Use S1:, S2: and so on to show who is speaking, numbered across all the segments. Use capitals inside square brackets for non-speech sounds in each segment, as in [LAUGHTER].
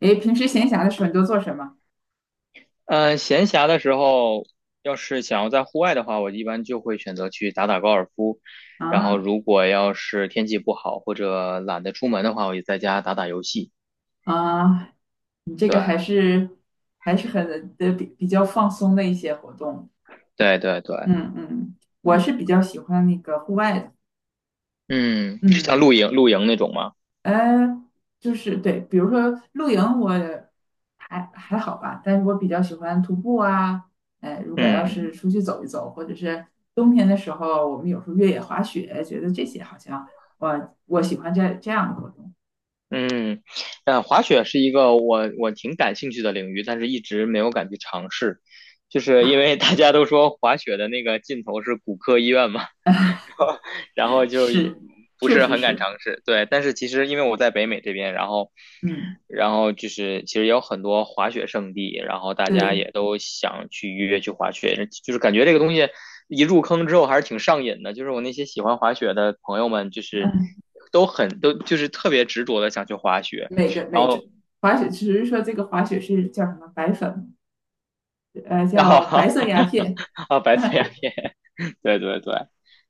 S1: 诶，平时闲暇的时候你都做什么
S2: 嗯，闲暇的时候，要是想要在户外的话，我一般就会选择去打打高尔夫。然后，
S1: 啊？
S2: 如果要是天气不好或者懒得出门的话，我就在家打打游戏。
S1: 啊，你这
S2: 对，
S1: 个还是很的比较放松的一些活动。
S2: 对，对，对，
S1: 嗯嗯，我
S2: 嗯
S1: 是比较喜欢那个户外的。
S2: 嗯，是像
S1: 嗯，
S2: 露营露营那种吗？
S1: 呃，就是对，比如说露营我还好吧，但是我比较喜欢徒步啊。哎，如果要
S2: 嗯
S1: 是出去走一走，或者是冬天的时候，我们有时候越野滑雪，觉得这些好像我喜欢这样的活动。
S2: 嗯，滑雪是一个我挺感兴趣的领域，但是一直没有敢去尝试，就是因为大家都说滑雪的那个尽头是骨科医院嘛。然后就
S1: 是，
S2: 不
S1: 确
S2: 是
S1: 实
S2: 很敢
S1: 是，
S2: 尝试。对，但是其实因为我在北美这边，然后
S1: 嗯。
S2: 然后就是其实也有很多滑雪圣地，然后大家
S1: 对，
S2: 也都想去约去滑雪，就是感觉这个东西一入坑之后还是挺上瘾的。就是我那些喜欢滑雪的朋友们，就是
S1: 嗯，
S2: 都很都就是特别执着的想去滑雪，
S1: 每个
S2: 然
S1: 每
S2: 后。
S1: 只滑雪，只是说这个滑雪是叫什么白粉，
S2: 然后
S1: 叫白色鸦片。
S2: [LAUGHS] 啊，白色鸦片，对对对。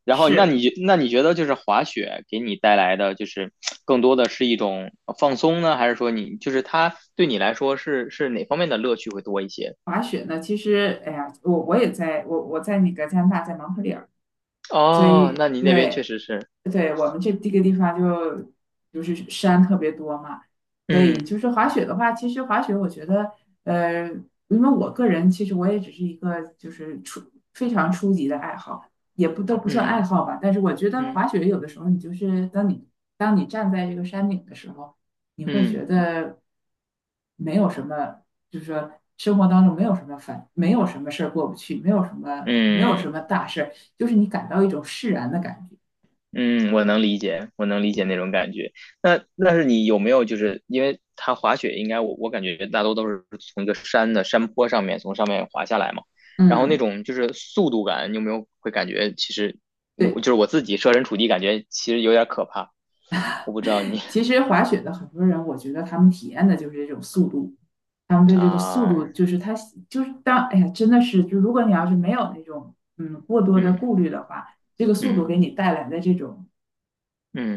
S2: 然后，那
S1: 是
S2: 你那你觉得就是滑雪给你带来的，就是更多的是一种放松呢，还是说你就是它对你来说是哪方面的乐趣会多一些？
S1: 滑雪呢，其实，哎呀，我在那个加拿大，在蒙特利尔，所
S2: 哦，
S1: 以哦
S2: 那你那边确
S1: 对
S2: 实是，
S1: 对，我们这个地方就是山特别多嘛，所
S2: 嗯
S1: 以就是滑雪的话，其实滑雪我觉得，呃，因为我个人其实我也只是一个就是非常初级的爱好，也不都不算爱
S2: 嗯
S1: 好吧，但是我觉得
S2: 嗯
S1: 滑雪有的时候你就是当你站在这个山顶的时候，你会
S2: 嗯嗯。
S1: 觉得没有什么，就是说生活当中没有什么烦，没有什么事儿过不去，没有什么没有什
S2: 嗯
S1: 么大事儿，就是你感到一种释然的感觉，
S2: 嗯，我能理解，我能理解那种感觉。那是你有没有就是因为它滑雪，应该我感觉大多都是从一个山的山坡上面从上面滑下来嘛，然后那
S1: 嗯。
S2: 种就是速度感，你有没有会感觉其实
S1: [LAUGHS]
S2: 我就
S1: 对，
S2: 是我自己设身处地感觉其实有点可怕。我不知道你
S1: 其实滑雪的很多人，我觉得他们体验的就是这种速度，他们对这个速
S2: 啊，
S1: 度就是他就是当哎呀，真的是，就如果你要是没有那种过多的
S2: 嗯
S1: 顾虑的话，这个速度
S2: 嗯
S1: 给你带来的这种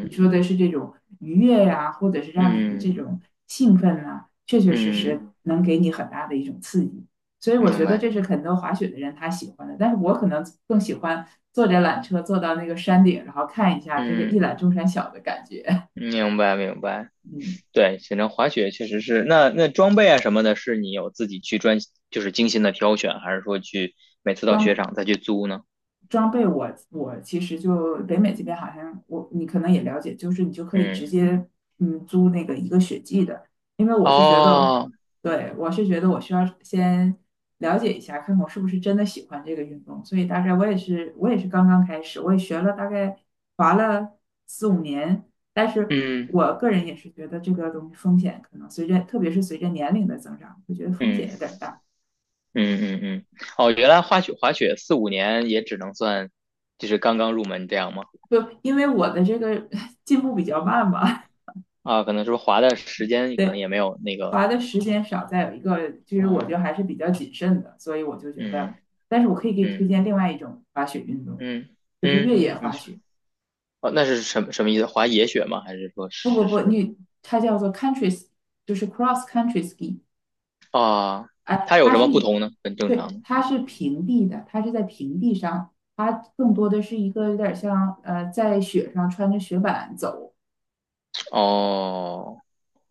S1: 你说的是这种愉悦呀、或者是让你的这
S2: 嗯
S1: 种兴奋啊，确确实
S2: 嗯
S1: 实
S2: 嗯，
S1: 能给你很大的一种刺激。所以我
S2: 明
S1: 觉得
S2: 白，
S1: 这是很多滑雪的人他喜欢的，但是我可能更喜欢坐着缆车坐到那个山顶，然后看一下这个一
S2: 嗯
S1: 览众山小的感觉，
S2: 明白明白。
S1: [LAUGHS] 嗯。
S2: 对，滑雪确实是。那装备啊什么的，是你有自己就是精心的挑选，还是说去每次到雪
S1: 装
S2: 场再去租呢？
S1: 装备我，我其实就北美这边好像我你可能也了解，就是你就可以
S2: 嗯，
S1: 直接租那个一个雪季的，因为我是觉得，哦
S2: 哦，
S1: 对，我是觉得我需要先了解一下，看看我是不是真的喜欢这个运动，所以大概我也是刚刚开始，我也学了大概滑了四五年，但是
S2: 嗯
S1: 我个人也是觉得这个东西风险可能随着特别是随着年龄的增长，我觉得风险
S2: 嗯
S1: 有点儿大，
S2: 嗯嗯嗯，哦，原来滑雪四五年也只能算，就是刚刚入门这样吗？
S1: 就因为我的这个 [LAUGHS] 进步比较慢吧。
S2: 啊，可能是不是滑的时
S1: [LAUGHS]
S2: 间可能
S1: 对，
S2: 也没有那个，
S1: 滑的时间少，再有一个就是我就
S2: 嗯
S1: 还是比较谨慎的，所以我就觉
S2: 嗯
S1: 得，但是我可以给你
S2: 嗯
S1: 推荐另外一种滑雪运动，
S2: 嗯
S1: 就是
S2: 嗯，
S1: 越野
S2: 你
S1: 滑
S2: 说，
S1: 雪。
S2: 哦，那是什么意思？滑野雪吗？还是说
S1: 不不
S2: 是
S1: 不，
S2: 是什么？
S1: 它叫做 c o u n t r y s 就是 cross country ski，
S2: 啊，
S1: 哎，
S2: 它有
S1: 它
S2: 什么
S1: 是
S2: 不
S1: 一个，
S2: 同呢？跟正
S1: 对，
S2: 常的？
S1: 它是平地的，它是在平地上，它更多的是一个有点像在雪上穿着雪板走，
S2: 哦，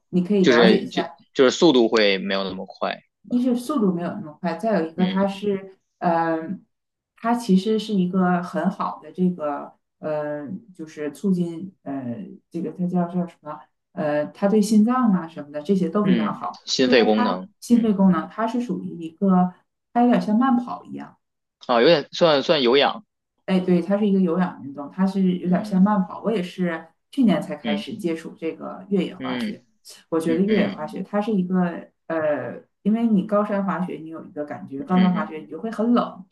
S1: 你可以
S2: 就
S1: 了解一
S2: 是就
S1: 下。
S2: 就是速度会没有那么快，
S1: 一是速度没有那么快，再有一个
S2: 嗯
S1: 它是，它其实是一个很好的这个，呃，就是促进，这个它叫什么，它对心脏啊什么的这些都非常
S2: 嗯，
S1: 好，
S2: 心
S1: 就是
S2: 肺功
S1: 它
S2: 能，
S1: 心
S2: 嗯
S1: 肺功能，它是属于一个，它有点像慢跑一样。
S2: 啊，有点算算有氧，
S1: 哎，对，它是一个有氧运动，它是有点像
S2: 嗯
S1: 慢跑。我也是去年才开
S2: 嗯
S1: 始接触这个越野滑
S2: 嗯
S1: 雪。我觉得
S2: 嗯
S1: 越野
S2: 嗯
S1: 滑雪它是一个因为你高山滑雪，你有一个感觉，高山
S2: 嗯
S1: 滑
S2: 嗯，
S1: 雪你就会很冷，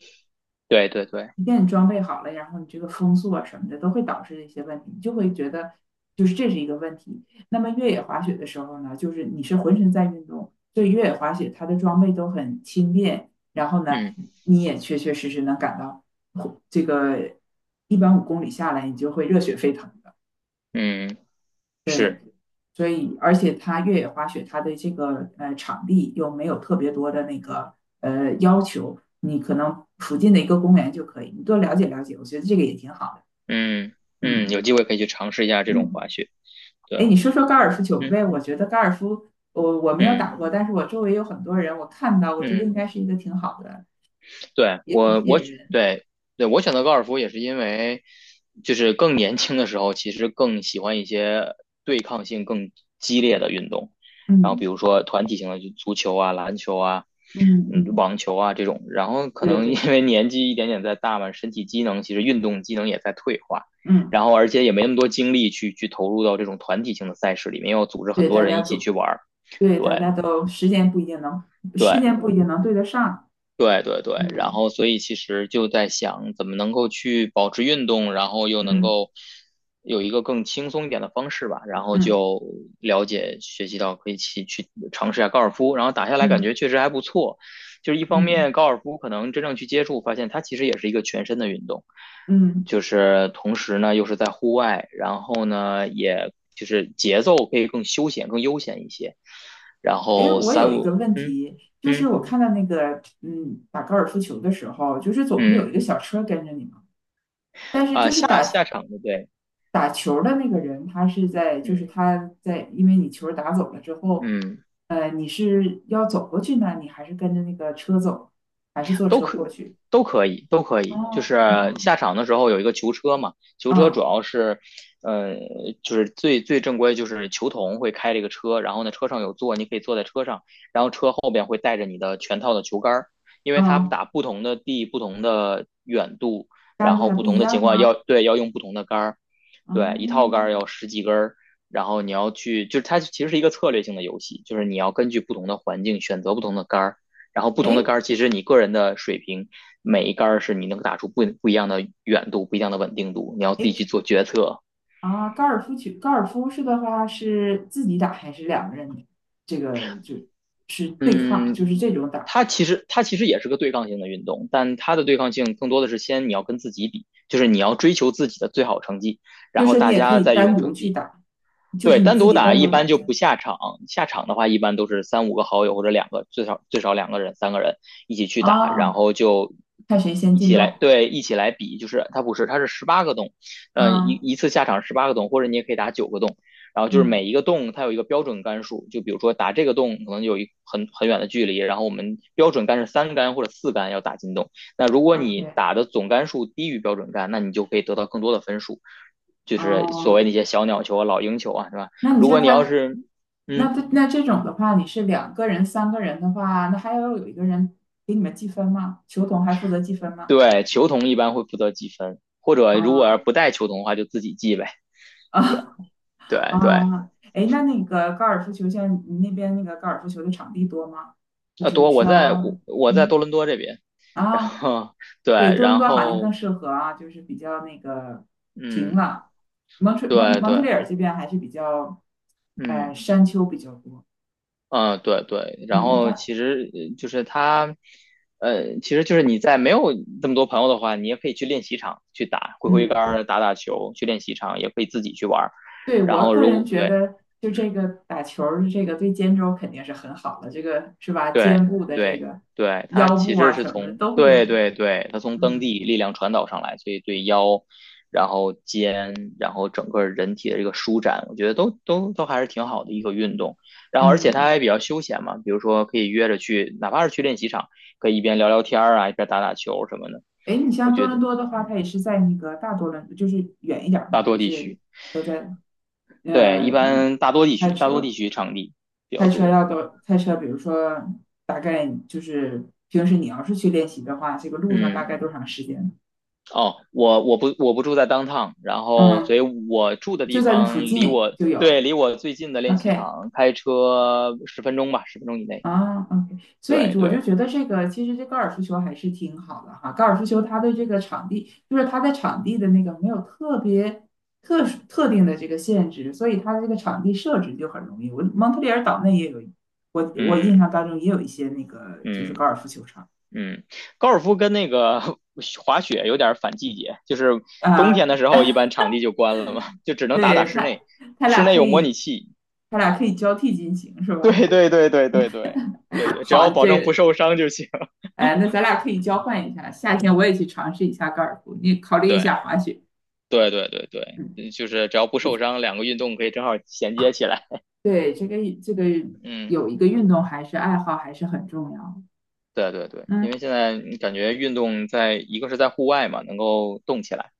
S2: 对对对，
S1: 一旦你装备好了，然后你这个风速啊什么的都会导致一些问题，你就会觉得就是这是一个问题。那么越野滑雪的时候呢，就是你是浑身在运动，所以越野滑雪它的装备都很轻便，然后呢，
S2: 嗯
S1: 你也确确实实能感到这个一般5公里下来，你就会热血沸腾的。
S2: 嗯是，
S1: 所以，而且它越野滑雪它的这个场地又没有特别多的那个要求，你可能附近的一个公园就可以，你多了解了解，我觉得这个也挺好的。
S2: 嗯嗯，
S1: 嗯
S2: 有机会可以去尝试一下这种滑
S1: 嗯，
S2: 雪，
S1: 哎，
S2: 对，
S1: 你说说高尔夫球
S2: 嗯
S1: 呗？我觉得高尔夫，我没有
S2: 嗯
S1: 打过，但是我周围有很多人，我看到，我觉得
S2: 嗯。
S1: 应该是一个挺好的，
S2: 对
S1: 也挺
S2: 我
S1: 吸引
S2: 我
S1: 人。
S2: 对对我选择高尔夫也是因为，就是更年轻的时候，其实更喜欢一些对抗性更激烈的运动，然后比
S1: 嗯
S2: 如说团体性的就足球啊、篮球啊、
S1: 嗯嗯，
S2: 网球啊这种，然后可
S1: 对
S2: 能因
S1: 对，
S2: 为年纪一点点在大嘛，身体机能其实运动机能也在退化，
S1: 嗯
S2: 然后而且也没那么多精力去投入到这种团体性的赛事里面，要组织很
S1: 对，
S2: 多
S1: 大
S2: 人
S1: 家
S2: 一起去
S1: 组，
S2: 玩儿，
S1: 对大
S2: 对
S1: 家都时
S2: 对，
S1: 间不一定能对得上。
S2: 对对对，然
S1: 嗯
S2: 后所以其实就在想怎么能够去保持运动，然后又能
S1: 嗯
S2: 够有一个更轻松一点的方式吧，然后
S1: 嗯
S2: 就了解学习到可以去尝试一下高尔夫，然后打下来感觉
S1: 嗯
S2: 确实还不错。就是一方
S1: 嗯
S2: 面高尔夫可能真正去接触，发现它其实也是一个全身的运动，
S1: 嗯，
S2: 就是同时呢又是在户外，然后呢也就是节奏可以更休闲、更悠闲一些，然
S1: 哎，
S2: 后
S1: 我有
S2: 三
S1: 一个
S2: 五
S1: 问
S2: 嗯
S1: 题，就是
S2: 嗯
S1: 我看到那个，嗯，打高尔夫球的时候，就是总是有一
S2: 嗯。
S1: 个小车跟着你嘛。但是
S2: 啊，
S1: 就是
S2: 下下
S1: 打
S2: 场的对，
S1: 打球的那个人，他是在，就是
S2: 嗯
S1: 他在，因为你球打走了之后，
S2: 嗯，
S1: 你是要走过去呢，你还是跟着那个车走，还是坐
S2: 都
S1: 车
S2: 可
S1: 过去？
S2: 都可以，都可以。就
S1: 哦，
S2: 是
S1: 哦，
S2: 下场的时候有一个球车嘛，球车主
S1: 嗯
S2: 要是，呃，就是最最正规就是球童会开这个车，然后呢车上有座，你可以坐在车上，然后车后边会带着你的全套的球杆儿，因为它
S1: 嗯，
S2: 打不同的地、不同的远度，然
S1: 杆子
S2: 后
S1: 还
S2: 不
S1: 不
S2: 同
S1: 一
S2: 的情
S1: 样
S2: 况要
S1: 吗？
S2: 对要用不同的杆儿，对，一套杆儿
S1: 哦，
S2: 要十几根儿。然后你要去，就是它其实是一个策略性的游戏，就是你要根据不同的环境选择不同的杆儿，然后不同的杆
S1: 哎
S2: 儿，其实你个人的水平，每一杆儿是你能打出不一样的远度，不一样的稳定度，你要自
S1: 哎
S2: 己去做决策。
S1: 啊，高尔夫球，高尔夫是的话是自己打还是两个人？这个就是对抗，
S2: 嗯，
S1: 就是这种打，
S2: 它其实也是个对抗性的运动，但它的对抗性更多的是先你要跟自己比，就是你要追求自己的最好成绩，然
S1: 就是
S2: 后
S1: 说你
S2: 大
S1: 也可
S2: 家
S1: 以
S2: 再
S1: 单
S2: 用
S1: 独
S2: 成
S1: 去
S2: 绩。
S1: 打，就
S2: 对，
S1: 是你
S2: 单
S1: 自
S2: 独
S1: 己
S2: 打
S1: 单
S2: 一
S1: 独打
S2: 般就
S1: 球
S2: 不下场，下场的话一般都是三五个好友或者两个，最少最少两个人、三个人一起去打，然
S1: 啊，
S2: 后就
S1: 看谁先
S2: 一
S1: 进
S2: 起来，
S1: 洞。
S2: 对，一起来比，就是它不是，它是十八个洞，一
S1: 嗯
S2: 一次下场十八个洞，或者你也可以打9个洞，然后就是每
S1: 嗯
S2: 一个洞它有一个标准杆数，就比如说打这个洞可能有一很远的距离，然后我们标准杆是3杆或者4杆要打进洞，那如果你
S1: ，OK，
S2: 打的总杆数低于标准杆，那你就可以得到更多的分数，就是所谓
S1: 哦，
S2: 那些小鸟球啊、老鹰球啊，是吧？
S1: 那你
S2: 如果
S1: 像
S2: 你要
S1: 他，
S2: 是，嗯，
S1: 那他那这种的话，你是两个人、3个人的话，那还要有一个人给你们计分吗？球童还负责计分吗？
S2: 对，球童一般会负责记分，或者如果要
S1: 啊
S2: 是不带球童的话，就自己记呗。对
S1: 啊 [LAUGHS]
S2: 对对，
S1: 啊！哎，那个高尔夫球，像你那边那个高尔夫球的场地多吗？就是你
S2: 多
S1: 需
S2: 我
S1: 要，
S2: 在我我在
S1: 嗯
S2: 多伦多这边，然
S1: 啊，
S2: 后对，
S1: 对，多伦
S2: 然
S1: 多好像更
S2: 后
S1: 适合啊，就是比较那个平
S2: 嗯，
S1: 了。蒙特蒙
S2: 对
S1: 蒙特
S2: 对，
S1: 利尔这边还是比较，
S2: 嗯
S1: 山丘比较多。
S2: 嗯对对，然
S1: 嗯，
S2: 后其实就是他。其实就是你在没有这么多朋友的话，你也可以去练习场去打，挥挥杆
S1: 嗯，
S2: 儿、打打球，去练习场也可以自己去玩儿。
S1: 对，
S2: 然
S1: 我
S2: 后
S1: 个
S2: 如
S1: 人
S2: 果
S1: 觉
S2: 对
S1: 得，就这
S2: 嗯，
S1: 个打球儿，这个对肩周肯定是很好的，这个是吧？肩
S2: 对
S1: 部的这
S2: 对
S1: 个
S2: 对，它
S1: 腰
S2: 其
S1: 部
S2: 实
S1: 啊
S2: 是
S1: 什么的
S2: 从
S1: 都会有
S2: 对
S1: 一，
S2: 对对，它从蹬
S1: 嗯
S2: 地力量传导上来，所以对腰，然后肩，然后整个人体的这个舒展，我觉得都还是挺好的一个运动。然后而且
S1: 嗯
S2: 它
S1: 嗯。
S2: 还比较休闲嘛，比如说可以约着去，哪怕是去练习场，可以一边聊聊天儿啊，一边打打球什么的。
S1: 哎，你
S2: 我
S1: 像多
S2: 觉得，
S1: 伦多的话，
S2: 嗯，
S1: 它也是在那个大多伦，就是远一点儿吗？
S2: 大多
S1: 还
S2: 地
S1: 是
S2: 区，
S1: 都在
S2: 对，一
S1: 呃
S2: 般大多地
S1: 开
S2: 区，大多地
S1: 车？
S2: 区场地比较
S1: 开车
S2: 多。
S1: 要多开车，比如说大概就是平时你要是去练习的话，这个路上大
S2: 嗯。
S1: 概多长时间？
S2: 哦，我不住在 downtown，然后所
S1: 嗯，
S2: 以我住的
S1: 就
S2: 地
S1: 在那
S2: 方
S1: 附
S2: 离
S1: 近
S2: 我
S1: 就
S2: 对
S1: 有。
S2: 离我最近的练习
S1: OK，
S2: 场开车十分钟吧，十分钟以内。
S1: 啊，OK，所以
S2: 对
S1: 我就
S2: 对，
S1: 觉得这个其实这高尔夫球还是挺好的哈。高尔夫球它的这个场地，就是它在场地的那个没有特别特殊特定的这个限制，所以它的这个场地设置就很容易。我蒙特利尔岛内也有，我
S2: 嗯
S1: 印象当中也有一些那个就
S2: 嗯
S1: 是高尔夫球场
S2: 嗯，高尔夫跟那个 [LAUGHS] 滑雪有点反季节，就是冬
S1: 啊，
S2: 天的时候一般场地就关了嘛，就只能打打
S1: 对，
S2: 室内，
S1: 它
S2: 室
S1: 俩
S2: 内
S1: 可
S2: 有模拟
S1: 以
S2: 器。
S1: 它俩可以交替进行是吧？
S2: 对对对对对对对对，只要
S1: 好，
S2: 保
S1: 这
S2: 证不
S1: 个
S2: 受伤就行。[LAUGHS]
S1: 哎，那咱俩可以交换一下，夏天我也去尝试一下高尔夫，你考虑一
S2: 对
S1: 下滑雪，
S2: 对对对对，
S1: 嗯。
S2: 嗯就是只要不受伤，两个运动可以正好衔接起来。
S1: 对，这个
S2: [LAUGHS] 嗯。
S1: 有一个运动还是爱好还是很重要
S2: 对对对，因为
S1: 嗯，
S2: 现在你感觉运动在一个是在户外嘛，能够动起来，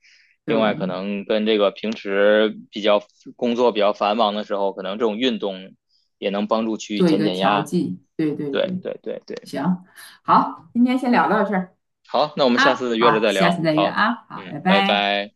S1: 对，
S2: 另外可能跟这个平时比较工作比较繁忙的时候，可能这种运动也能帮助去
S1: 做一
S2: 减
S1: 个
S2: 减
S1: 调
S2: 压。
S1: 剂。对对
S2: 对
S1: 对，
S2: 对对对，
S1: 行，
S2: 嗯，
S1: 好，今天先聊到这儿
S2: 好，那我们下
S1: 啊，
S2: 次约着
S1: 好，
S2: 再
S1: 下
S2: 聊。
S1: 次再约
S2: 好，
S1: 啊，好，
S2: 嗯，
S1: 拜
S2: 拜
S1: 拜。
S2: 拜。